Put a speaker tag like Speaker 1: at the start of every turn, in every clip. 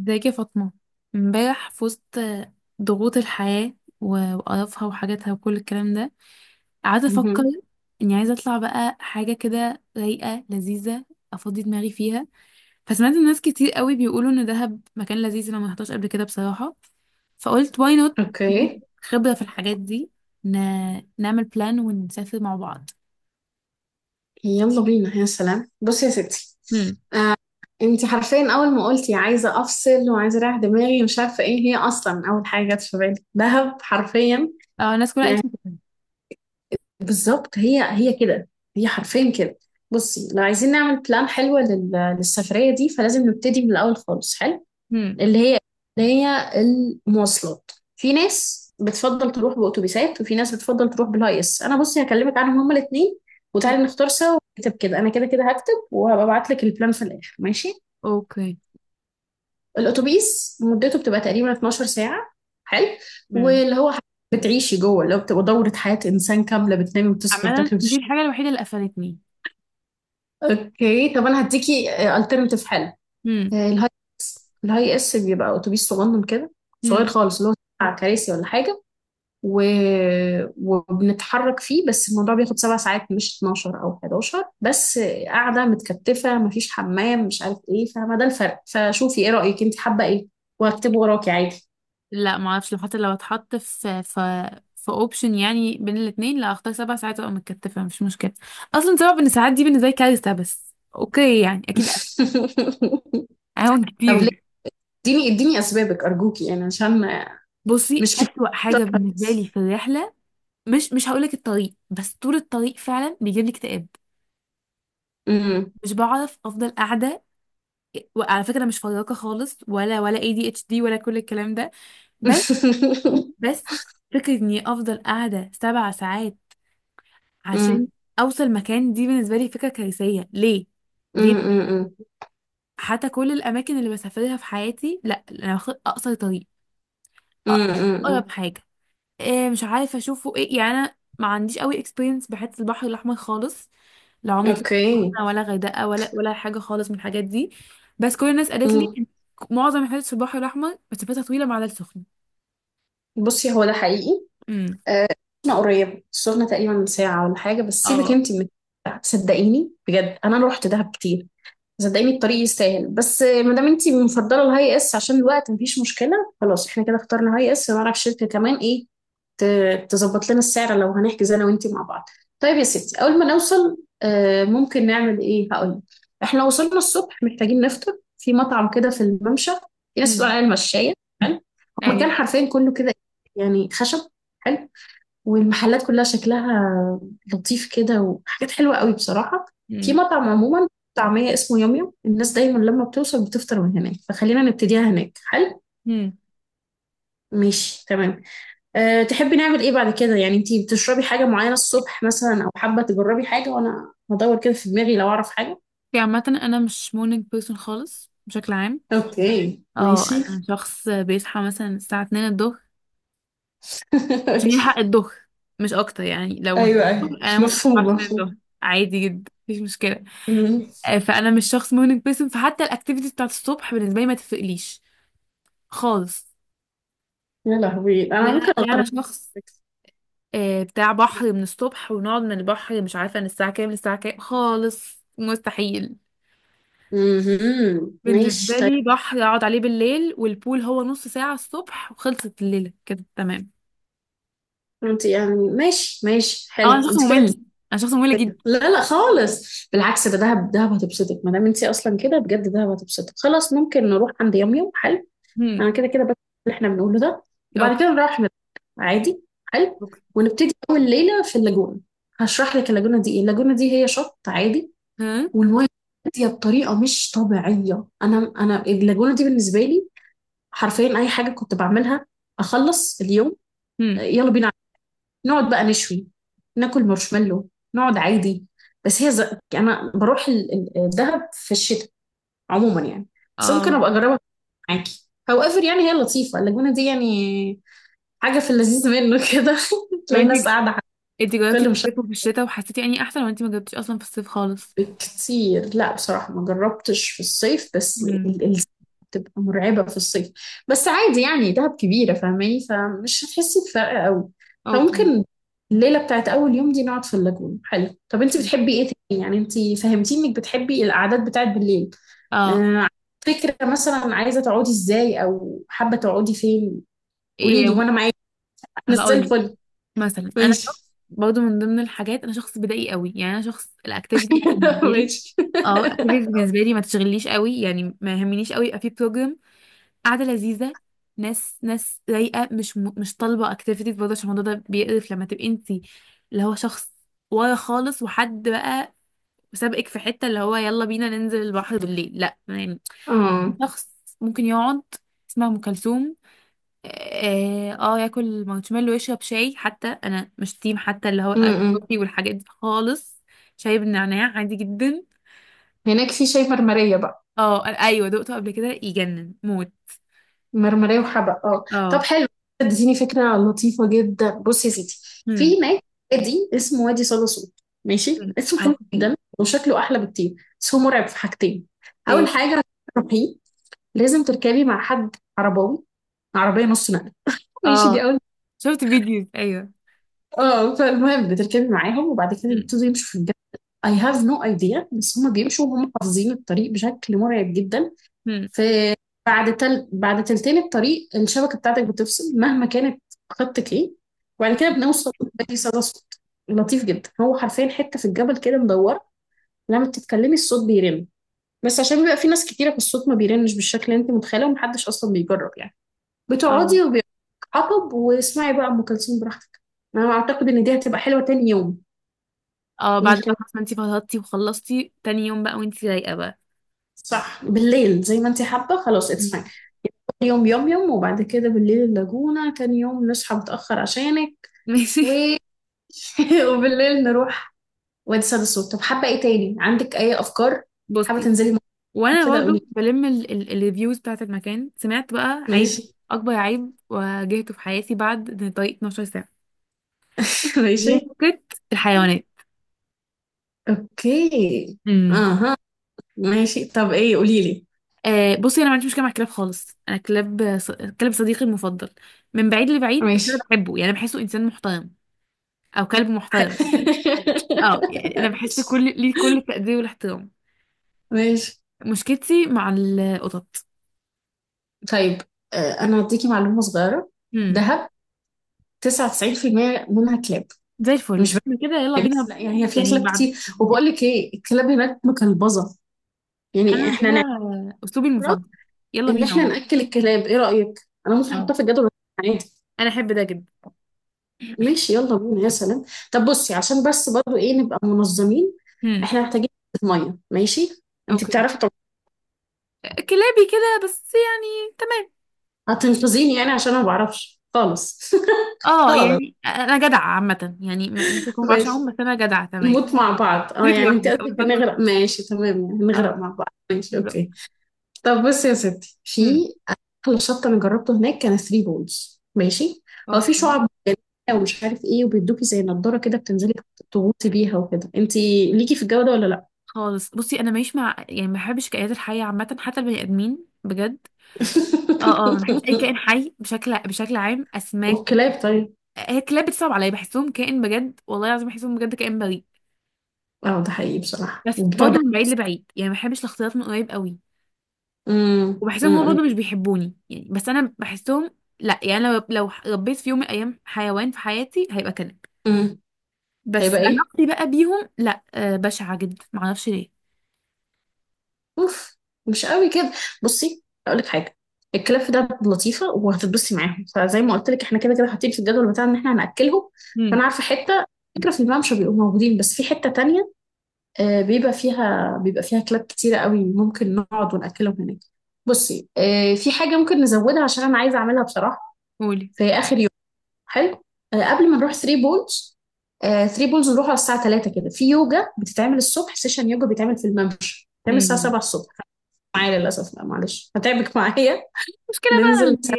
Speaker 1: ازيك يا فاطمة؟ امبارح في وسط ضغوط الحياة وقرفها وحاجاتها وكل الكلام ده، قعدت افكر
Speaker 2: مهم.
Speaker 1: اني عايزة اطلع بقى حاجة كده رايقة لذيذة افضي دماغي فيها. فسمعت الناس كتير قوي بيقولوا ان دهب مكان لذيذ، انا ما رحتهاش قبل كده بصراحة، فقلت واي نوت
Speaker 2: اوكي،
Speaker 1: خبرة في الحاجات دي. ن... نعمل بلان ونسافر مع بعض.
Speaker 2: يلا بينا. يا سلام بصي يا ستي،
Speaker 1: هم.
Speaker 2: انت حرفيا اول ما قلتي عايزه افصل وعايزه اريح دماغي مش عارفه ايه هي، اصلا اول حاجه جت في بالي دهب حرفيا.
Speaker 1: اه الناس كلها
Speaker 2: يعني
Speaker 1: قالت لي كده.
Speaker 2: بالظبط هي هي كده، هي حرفيا كده. بصي، لو عايزين نعمل بلان حلوه للسفريه دي فلازم نبتدي من الاول خالص. حلو.
Speaker 1: هم.
Speaker 2: اللي هي اللي هي المواصلات، في ناس بتفضل تروح بأتوبيسات وفي ناس بتفضل تروح بالهاي اس. انا بصي هكلمك عنهم هما الاثنين،
Speaker 1: هم.
Speaker 2: وتعالي نختار سوا ونكتب كده. انا كده كده هكتب وهبقى ابعت لك البلان في الاخر، ماشي؟
Speaker 1: اوكي.
Speaker 2: الاتوبيس مدته بتبقى تقريبا 12 ساعة، حلو،
Speaker 1: هم.
Speaker 2: واللي هو ح- بتعيشي جوه، اللي هو بتبقى دورة حياة انسان كاملة، بتنامي وتصحي
Speaker 1: عملا
Speaker 2: وبتاكلي وتشربي.
Speaker 1: دي الحاجة الوحيدة اللي قفلتني.
Speaker 2: اوكي، طب انا هديكي الترنتيف حلو. آه، الهاي الهاي اس بيبقى اتوبيس صغنن كده، صغير
Speaker 1: هم.
Speaker 2: خالص، اللي هو 7 كراسي ولا حاجة و... وبنتحرك فيه. بس الموضوع بياخد 7 ساعات، مش 12 او 11 بس. قاعده متكتفه، مفيش حمام، مش عارف ايه، فما ده الفرق. فشوفي ايه رايك، انت حابه ايه، وهكتبه وراكي عادي.
Speaker 1: لا ما اعرفش، لو حتى لو اتحط في اوبشن يعني بين الاثنين، لا اختار سبع ساعات ابقى متكتفه مش مشكله. اصلا سبع بن ساعات دي بالنسبه لي كارثه، بس اوكي يعني اكيد اهون
Speaker 2: طب
Speaker 1: كتير
Speaker 2: ليه؟
Speaker 1: يعني.
Speaker 2: اديني اديني اسبابك ارجوكي، يعني عشان
Speaker 1: بصي،
Speaker 2: مش كتير.
Speaker 1: اسوأ
Speaker 2: طب
Speaker 1: حاجه بالنسبه
Speaker 2: كويس.
Speaker 1: لي في الرحله، مش هقول لك الطريق، بس طول الطريق فعلا بيجيب لي اكتئاب.
Speaker 2: أمم.
Speaker 1: مش بعرف افضل قاعده، وعلى فكره انا مش فراقه خالص ولا اي دي اتش دي ولا كل الكلام ده. بس. بس فكره اني افضل قاعده سبع ساعات
Speaker 2: أمم.
Speaker 1: عشان اوصل مكان، دي بالنسبه لي فكره كارثيه. ليه؟ ليه؟
Speaker 2: أمم. أمم.
Speaker 1: حتى كل الاماكن اللي بسافرها في حياتي، لا انا باخد اقصر طريق،
Speaker 2: أمم. أمم.
Speaker 1: اقرب حاجه. إيه، مش عارفه اشوفه ايه يعني، انا ما عنديش قوي اكسبيرينس بحته البحر الاحمر خالص، لا عمري طلعت
Speaker 2: اوكي.
Speaker 1: سخنه ولا غردقه ولا حاجه خالص من الحاجات دي. بس كل الناس قالت لي
Speaker 2: أمم.
Speaker 1: إن معظم الحاجات في البحر الاحمر مسافتها طويله مع ده السخن.
Speaker 2: بصي، هو ده حقيقي.
Speaker 1: امم.
Speaker 2: آه، انا قريب صرنا تقريبا من ساعة ولا حاجة، بس سيبك
Speaker 1: اه.
Speaker 2: انت من... صدقيني بجد، انا رحت دهب كتير، صدقيني الطريق يستاهل. بس ما دام انت مفضلة الهاي اس عشان الوقت، مفيش مشكلة، خلاص احنا كده اخترنا هاي اس. ونعرف شركة كمان ايه تظبط لنا السعر لو هنحجز انا وانت مع بعض. طيب يا ستي، اول ما نوصل ممكن نعمل ايه، هقول. احنا وصلنا الصبح محتاجين نفطر في مطعم كده في الممشى، في ناس بتقول
Speaker 1: امم.
Speaker 2: عليه المشاية. حلو. هو مكان
Speaker 1: ايوه.
Speaker 2: حرفيا كله كده يعني خشب. حلو. والمحلات كلها شكلها لطيف كده، وحاجات حلوة قوي بصراحة. في
Speaker 1: امم.
Speaker 2: مطعم عموما طعمية اسمه يوم يوم، الناس دايما لما بتوصل بتفطر من هناك، فخلينا نبتديها هناك، حلو.
Speaker 1: امم.
Speaker 2: ماشي، تمام. أه، تحبي نعمل ايه بعد كده؟ يعني انتي بتشربي حاجة معينة الصبح مثلا، او حابة تجربي حاجة وانا هدور كده في دماغي لو اعرف حاجة.
Speaker 1: في عامه انا مش مورنينج بيرسون خالص بشكل عام،
Speaker 2: اوكي
Speaker 1: اه
Speaker 2: ماشي.
Speaker 1: انا شخص بيصحى مثلا الساعة 2 الظهر عشان يلحق
Speaker 2: ماشي.
Speaker 1: الظهر، مش اكتر. يعني لو ما فيش
Speaker 2: ايوه
Speaker 1: ظهر،
Speaker 2: ايوه،
Speaker 1: انا ممكن اصحى
Speaker 2: مفهوم
Speaker 1: على 2
Speaker 2: مفهوم.
Speaker 1: الظهر عادي جدا، مفيش مشكلة.
Speaker 2: مم.
Speaker 1: فانا مش شخص مورنينج بيرسون، فحتى الاكتيفيتي بتاعت الصبح بالنسبة لي ما تفرقليش خالص.
Speaker 2: يا لهوي،
Speaker 1: لا
Speaker 2: انا ممكن
Speaker 1: لا انا
Speaker 2: اغرب.
Speaker 1: شخص، بتاع بحر من الصبح، ونقعد من البحر مش عارفة من الساعة كام للساعة كام، خالص مستحيل
Speaker 2: مهم.
Speaker 1: بالنسبة
Speaker 2: ماشي طيب.
Speaker 1: لي. بحر اقعد عليه بالليل، والبول هو نص ساعة الصبح وخلصت الليلة كده، تمام.
Speaker 2: انت يعني ماشي ماشي
Speaker 1: اه
Speaker 2: حلو
Speaker 1: انا شخص
Speaker 2: انت كده
Speaker 1: ممل، انا شخص ممل
Speaker 2: بتتبسطي. لا لا خالص، بالعكس، ده دهب، دهب هتبسطك، ما دام انت اصلا كده بجد دهب هتبسطك. خلاص ممكن نروح عند يوم يوم، حلو.
Speaker 1: جدا.
Speaker 2: انا كده كده بس اللي احنا بنقوله ده، وبعد
Speaker 1: اوكي.
Speaker 2: كده نروح نرجع عادي. حلو.
Speaker 1: اوكي.
Speaker 2: ونبتدي اول ليله في اللاجونه. هشرح لك اللاجونه دي ايه. اللاجونه دي هي شط عادي،
Speaker 1: ها.
Speaker 2: والميه هاديه بطريقه مش طبيعيه. انا اللاجونه دي بالنسبه لي حرفيا اي حاجه كنت بعملها اخلص اليوم،
Speaker 1: هم.
Speaker 2: يلا بينا نقعد بقى، نشوي، ناكل مارشميلو، نقعد عادي. بس هي انا بروح الدهب في الشتاء عموما يعني. بس ممكن
Speaker 1: اه.
Speaker 2: ابقى اجربها معاكي، هاو ايفر، يعني هي لطيفه اللاجونه دي، يعني حاجه في اللذيذ منه كده.
Speaker 1: طب
Speaker 2: تلاقي
Speaker 1: انت
Speaker 2: ناس قاعده على...
Speaker 1: انت جربتي
Speaker 2: كل،
Speaker 1: في
Speaker 2: مش
Speaker 1: الصيف وفي الشتاء وحسيتي يعني احسن، ولا انت ما جربتيش اصلا في الصيف خالص؟
Speaker 2: كتير، لا، بصراحة ما جربتش في الصيف، بس
Speaker 1: امم.
Speaker 2: بتبقى مرعبة في الصيف. بس عادي يعني، دهب كبيرة فاهماني، فمش هتحسي بفرق قوي.
Speaker 1: اوكي.
Speaker 2: فممكن الليلة بتاعت أول يوم دي نقعد في اللاجون، حلو. طب أنت بتحبي إيه تاني؟ يعني أنت فهمتيني إنك بتحبي القعدات بتاعت بالليل.
Speaker 1: اه.
Speaker 2: آه، فكرة، مثلا عايزة تقعدي إزاي أو حابة تقعدي فين، قولي لي
Speaker 1: ايه
Speaker 2: وأنا معاكي. أنا زي
Speaker 1: هقول لك؟
Speaker 2: الفل.
Speaker 1: مثلا انا
Speaker 2: ماشي.
Speaker 1: برضو من ضمن الحاجات، انا شخص بدائي قوي، يعني انا شخص الاكتيفيتي بالنسبه لي،
Speaker 2: ماشي.
Speaker 1: اه الاكتيفيتي بالنسبه لي ما تشغلنيش قوي، يعني ما يهمنيش قوي يبقى في بروجرام، قاعده لذيذه، ناس ناس رايقه، مش طالبه اكتيفيتيز برضه، عشان الموضوع ده بيقرف لما تبقي انت اللي هو شخص ورا خالص وحد بقى وسابقك في حتة اللي هو يلا بينا ننزل البحر بالليل، لا يعني.
Speaker 2: اه.
Speaker 1: شخص ممكن يقعد، اسمها ام كلثوم، اه، ياكل مارشميلو ويشرب شاي. حتى انا مش تيم حتى اللي هو
Speaker 2: م-
Speaker 1: الايس
Speaker 2: م.
Speaker 1: كوفي والحاجات دي خالص، شاي بالنعناع عادي جدا.
Speaker 2: هناك في شاي مرمرية بقى.
Speaker 1: اه ايوه دقته قبل كده يجنن موت.
Speaker 2: مرمرية وحبق، اه طب
Speaker 1: اه.
Speaker 2: حلو، اديتيني فكرة لطيفة جدا. بصي يا ستي،
Speaker 1: هم.
Speaker 2: في هناك وادي اسمه وادي صدى صوت، ماشي.
Speaker 1: هم.
Speaker 2: اسمه حلو
Speaker 1: اه.
Speaker 2: جدا وشكله أحلى بكتير. بس هو مرعب في حاجتين. أول
Speaker 1: ايه؟
Speaker 2: حاجة عشان تروحيه لازم تركبي مع حد عرباوي، عربية نص نقل، ماشي، دي
Speaker 1: اه.
Speaker 2: أول.
Speaker 1: شفت فيديوز، ايوه.
Speaker 2: اه. فالمهم بتركبي معاهم وبعد كده
Speaker 1: هم.
Speaker 2: بيبتدوا يمشوا في الجبل، I have no idea، بس هما بيمشوا وهم حافظين الطريق بشكل مرعب جدا.
Speaker 1: هم.
Speaker 2: في بعد تلتين الطريق الشبكة بتاعتك بتفصل مهما كانت خطك ايه، وبعد كده بنوصل لأي صدى صوت. لطيف جدا، هو حرفيا حتة في الجبل كده مدورة، لما بتتكلمي الصوت بيرن. بس عشان بيبقى في ناس كتيرة في الصوت، ما بيرنش بالشكل اللي انت متخيله، ومحدش اصلا بيجرب يعني.
Speaker 1: اه.
Speaker 2: بتقعدي وبيتحطب واسمعي بقى ام كلثوم براحتك. انا اعتقد ان دي هتبقى حلوة تاني يوم.
Speaker 1: اه بعد
Speaker 2: ممكن
Speaker 1: بقى خلاص، ما انتي فضلتي وخلصتي تاني يوم بقى وانتي رايقة بقى.
Speaker 2: صح بالليل زي ما انت حابة، خلاص اتس
Speaker 1: مم.
Speaker 2: فاين. يوم يوم يوم، وبعد كده بالليل اللاجونة. تاني يوم نصحى متأخر عشانك
Speaker 1: ماشي.
Speaker 2: و... وبالليل نروح وادي سيد الصوت. طب حابة ايه تاني؟ عندك اي افكار؟ حابة
Speaker 1: بصي،
Speaker 2: تنزلي مع...
Speaker 1: وانا
Speaker 2: كده
Speaker 1: برضه
Speaker 2: قولي.
Speaker 1: بلم الريفيوز بتاعت المكان، سمعت بقى
Speaker 2: ماشي.
Speaker 1: عيب، اكبر عيب واجهته في حياتي بعد طريق 12 ساعه، هي
Speaker 2: ماشي.
Speaker 1: فكره الحيوانات.
Speaker 2: اوكي
Speaker 1: امم.
Speaker 2: اها، ماشي طب ايه، قولي لي.
Speaker 1: بصي، انا ما عنديش مشكله مع الكلاب خالص، انا كلب صديقي المفضل من بعيد لبعيد، بس انا
Speaker 2: ماشي.
Speaker 1: بحبه يعني بحسه انسان محترم او كلب
Speaker 2: حلو.
Speaker 1: محترم. اه يعني انا بحس
Speaker 2: ماشي.
Speaker 1: كل ليه كل التقدير والاحترام،
Speaker 2: ماشي
Speaker 1: مشكلتي مع القطط.
Speaker 2: طيب. انا هديكي معلومة صغيرة.
Speaker 1: امم.
Speaker 2: دهب 99% منها كلاب،
Speaker 1: زي الفل
Speaker 2: مش...
Speaker 1: احنا كده، يلا
Speaker 2: بس
Speaker 1: بينا.
Speaker 2: لا يعني هي فيها
Speaker 1: يعني
Speaker 2: كلاب
Speaker 1: بعد،
Speaker 2: كتير. وبقول لك ايه، الكلاب هناك مكلبظة،
Speaker 1: انا
Speaker 2: يعني احنا نعرف
Speaker 1: ده اسلوبي المفضل، يلا
Speaker 2: ان
Speaker 1: بينا
Speaker 2: احنا
Speaker 1: والله.
Speaker 2: ناكل الكلاب. ايه رايك، انا ممكن
Speaker 1: اه
Speaker 2: احطها في الجدول بتاعي عادي؟
Speaker 1: انا احب ده جدا.
Speaker 2: ماشي يلا بينا يا سلام. طب بصي عشان بس برضو ايه، نبقى منظمين.
Speaker 1: امم.
Speaker 2: احنا محتاجين ميه، ماشي. انت
Speaker 1: اوكي
Speaker 2: بتعرفي طب،
Speaker 1: كلابي كده بس يعني، تمام.
Speaker 2: هتنقذيني، يعني عشان انا ما بعرفش خالص.
Speaker 1: اه
Speaker 2: خالص،
Speaker 1: يعني انا جدعه عامه، يعني ممكن اكون ما بعرفش اعوم،
Speaker 2: ماشي.
Speaker 1: بس انا جدعه تمام.
Speaker 2: نموت مع بعض، اه
Speaker 1: سيبك
Speaker 2: يعني انت
Speaker 1: لوحدك او
Speaker 2: قصدك
Speaker 1: بالظبط كده.
Speaker 2: هنغرق، ماشي تمام. يعني
Speaker 1: اه،
Speaker 2: نغرق مع بعض، ماشي
Speaker 1: بالظبط.
Speaker 2: اوكي. طب بصي يا ستي، في
Speaker 1: امم.
Speaker 2: احلى شط انا جربته هناك كان ثري بولز، ماشي. هو في
Speaker 1: اوكي
Speaker 2: شعب مرجانية ومش عارف ايه، وبيدوكي زي نضاره كده بتنزلي تغوصي بيها وكده. انتي ليكي في الجو ده ولا لا؟
Speaker 1: خالص، بصي انا ماليش مع، يعني ما بحبش كائنات الحيه عامه، حتى البني ادمين بجد. اه اه، ما بحبش اي كائن حي بشكل عام، اسماك.
Speaker 2: والكلاب طيب.
Speaker 1: هي الكلاب بتصعب عليا، بحسهم كائن بجد والله العظيم، بحسهم بجد كائن بريء،
Speaker 2: اه ده حقيقي بصراحه،
Speaker 1: بس
Speaker 2: وبتوع
Speaker 1: برضه
Speaker 2: ده.
Speaker 1: من بعيد لبعيد، يعني ما بحبش الاختلاط من قريب قوي، وبحسهم هما
Speaker 2: امم.
Speaker 1: برضه مش بيحبوني يعني، بس انا بحسهم. لا يعني، لو ربيت في يوم من الايام حيوان في حياتي، هيبقى كلب،
Speaker 2: أمم.
Speaker 1: بس
Speaker 2: هيبقى ايه؟
Speaker 1: علاقتي بقى بيهم لا بشعه جدا، ما اعرفش ليه.
Speaker 2: اوف، مش قوي كده. بصي اقول لك حاجه، الكلاب ده لطيفه وهتتبسطي معاهم، فزي ما قلت لك احنا كده كده حاطين في الجدول بتاعنا ان احنا هناكلهم.
Speaker 1: امم.
Speaker 2: فانا عارفه حته، فكره، في الممشى بيبقوا موجودين، بس في حته تانية بيبقى فيها كلاب كتيره قوي، ممكن نقعد وناكلهم هناك. بصي في حاجه ممكن نزودها عشان انا عايزه اعملها بصراحه.
Speaker 1: قولي.
Speaker 2: في اخر يوم حلو، قبل ما نروح 3 بولز. 3 بولز نروح على الساعه 3 كده. في يوجا بتتعمل الصبح، سيشن يوجا بيتعمل في الممشى، بيتعمل الساعه
Speaker 1: امم.
Speaker 2: 7 الصبح. معايا للأسف، لا معلش هتعبك معايا،
Speaker 1: مشكله بقى
Speaker 2: ننزل
Speaker 1: انت
Speaker 2: سوا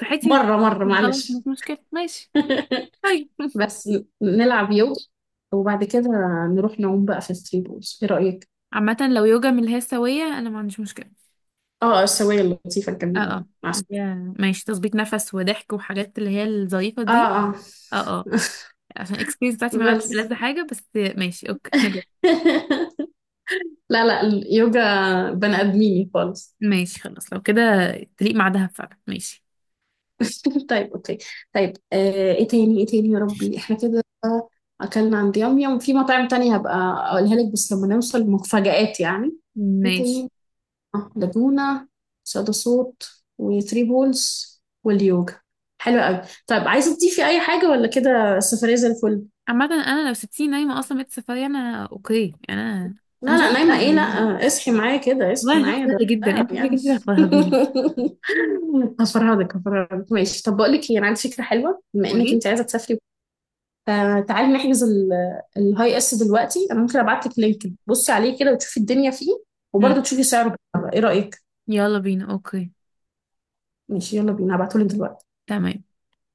Speaker 1: صحتي.
Speaker 2: مرة مرة
Speaker 1: خلاص مش
Speaker 2: معلش.
Speaker 1: مشكله، ماشي. طيب.
Speaker 2: بس نلعب يوجا وبعد كده نروح نعوم بقى في الثري بولز، ايه رأيك؟
Speaker 1: عامه لو يوجا من اللي هي السويه، انا ما عنديش مشكله.
Speaker 2: اه السوية اللطيفة
Speaker 1: اه
Speaker 2: الجميلة،
Speaker 1: اه،
Speaker 2: مع
Speaker 1: ماشي تظبيط نفس وضحك وحاجات اللي هي الظريفه
Speaker 2: اه
Speaker 1: دي.
Speaker 2: اه.
Speaker 1: اه. آه. عشان الاكسبيرينس بتاعتي معاها مش
Speaker 2: بس.
Speaker 1: ألذ حاجه، بس ماشي، اوكي نجرب.
Speaker 2: لا لا، اليوجا بني آدميني خالص.
Speaker 1: ماشي خلاص لو كده، تليق مع دهب فعلا. ماشي.
Speaker 2: طيب اوكي. طيب، آه ايه تاني؟ ايه تاني يا ربي؟ احنا كده اكلنا عند يوم يوم، في مطاعم تانية هبقى اقولها لك بس لما نوصل، مفاجآت يعني. ايه
Speaker 1: ماشي.
Speaker 2: تاني؟ آه، لاجونا، صدى صوت، وثري بولز، واليوجا. حلو قوي. طيب، عايزه تضيفي اي حاجه ولا كده السفريه زي الفل؟
Speaker 1: عامة انا لو سبتيني نايمة اصلا بيت سفاري انا اوكي، يعني انا
Speaker 2: لا لا
Speaker 1: شخص
Speaker 2: نايمه ايه لا.
Speaker 1: سهل،
Speaker 2: اصحي معايا كده،
Speaker 1: والله
Speaker 2: اصحي
Speaker 1: أنا شخص
Speaker 2: معايا، ده
Speaker 1: سهل جدا،
Speaker 2: ده
Speaker 1: انت شكلك
Speaker 2: يعني.
Speaker 1: انت اللي هتفرهديني.
Speaker 2: هفرهدك هفرهدك ماشي. طب بقول لك ايه، انا عندي فكره حلوه بما انك
Speaker 1: قولي.
Speaker 2: انت عايزه تسافري. تعالي نحجز الهاي اس دلوقتي. انا ممكن ابعت لك لينك بصي عليه كده وتشوفي الدنيا فيه،
Speaker 1: امم.
Speaker 2: وبرضه تشوفي سعره بالمرة. ايه رايك؟
Speaker 1: يلا بينا اوكي.
Speaker 2: ماشي يلا بينا، هبعته لك دلوقتي.
Speaker 1: تمام.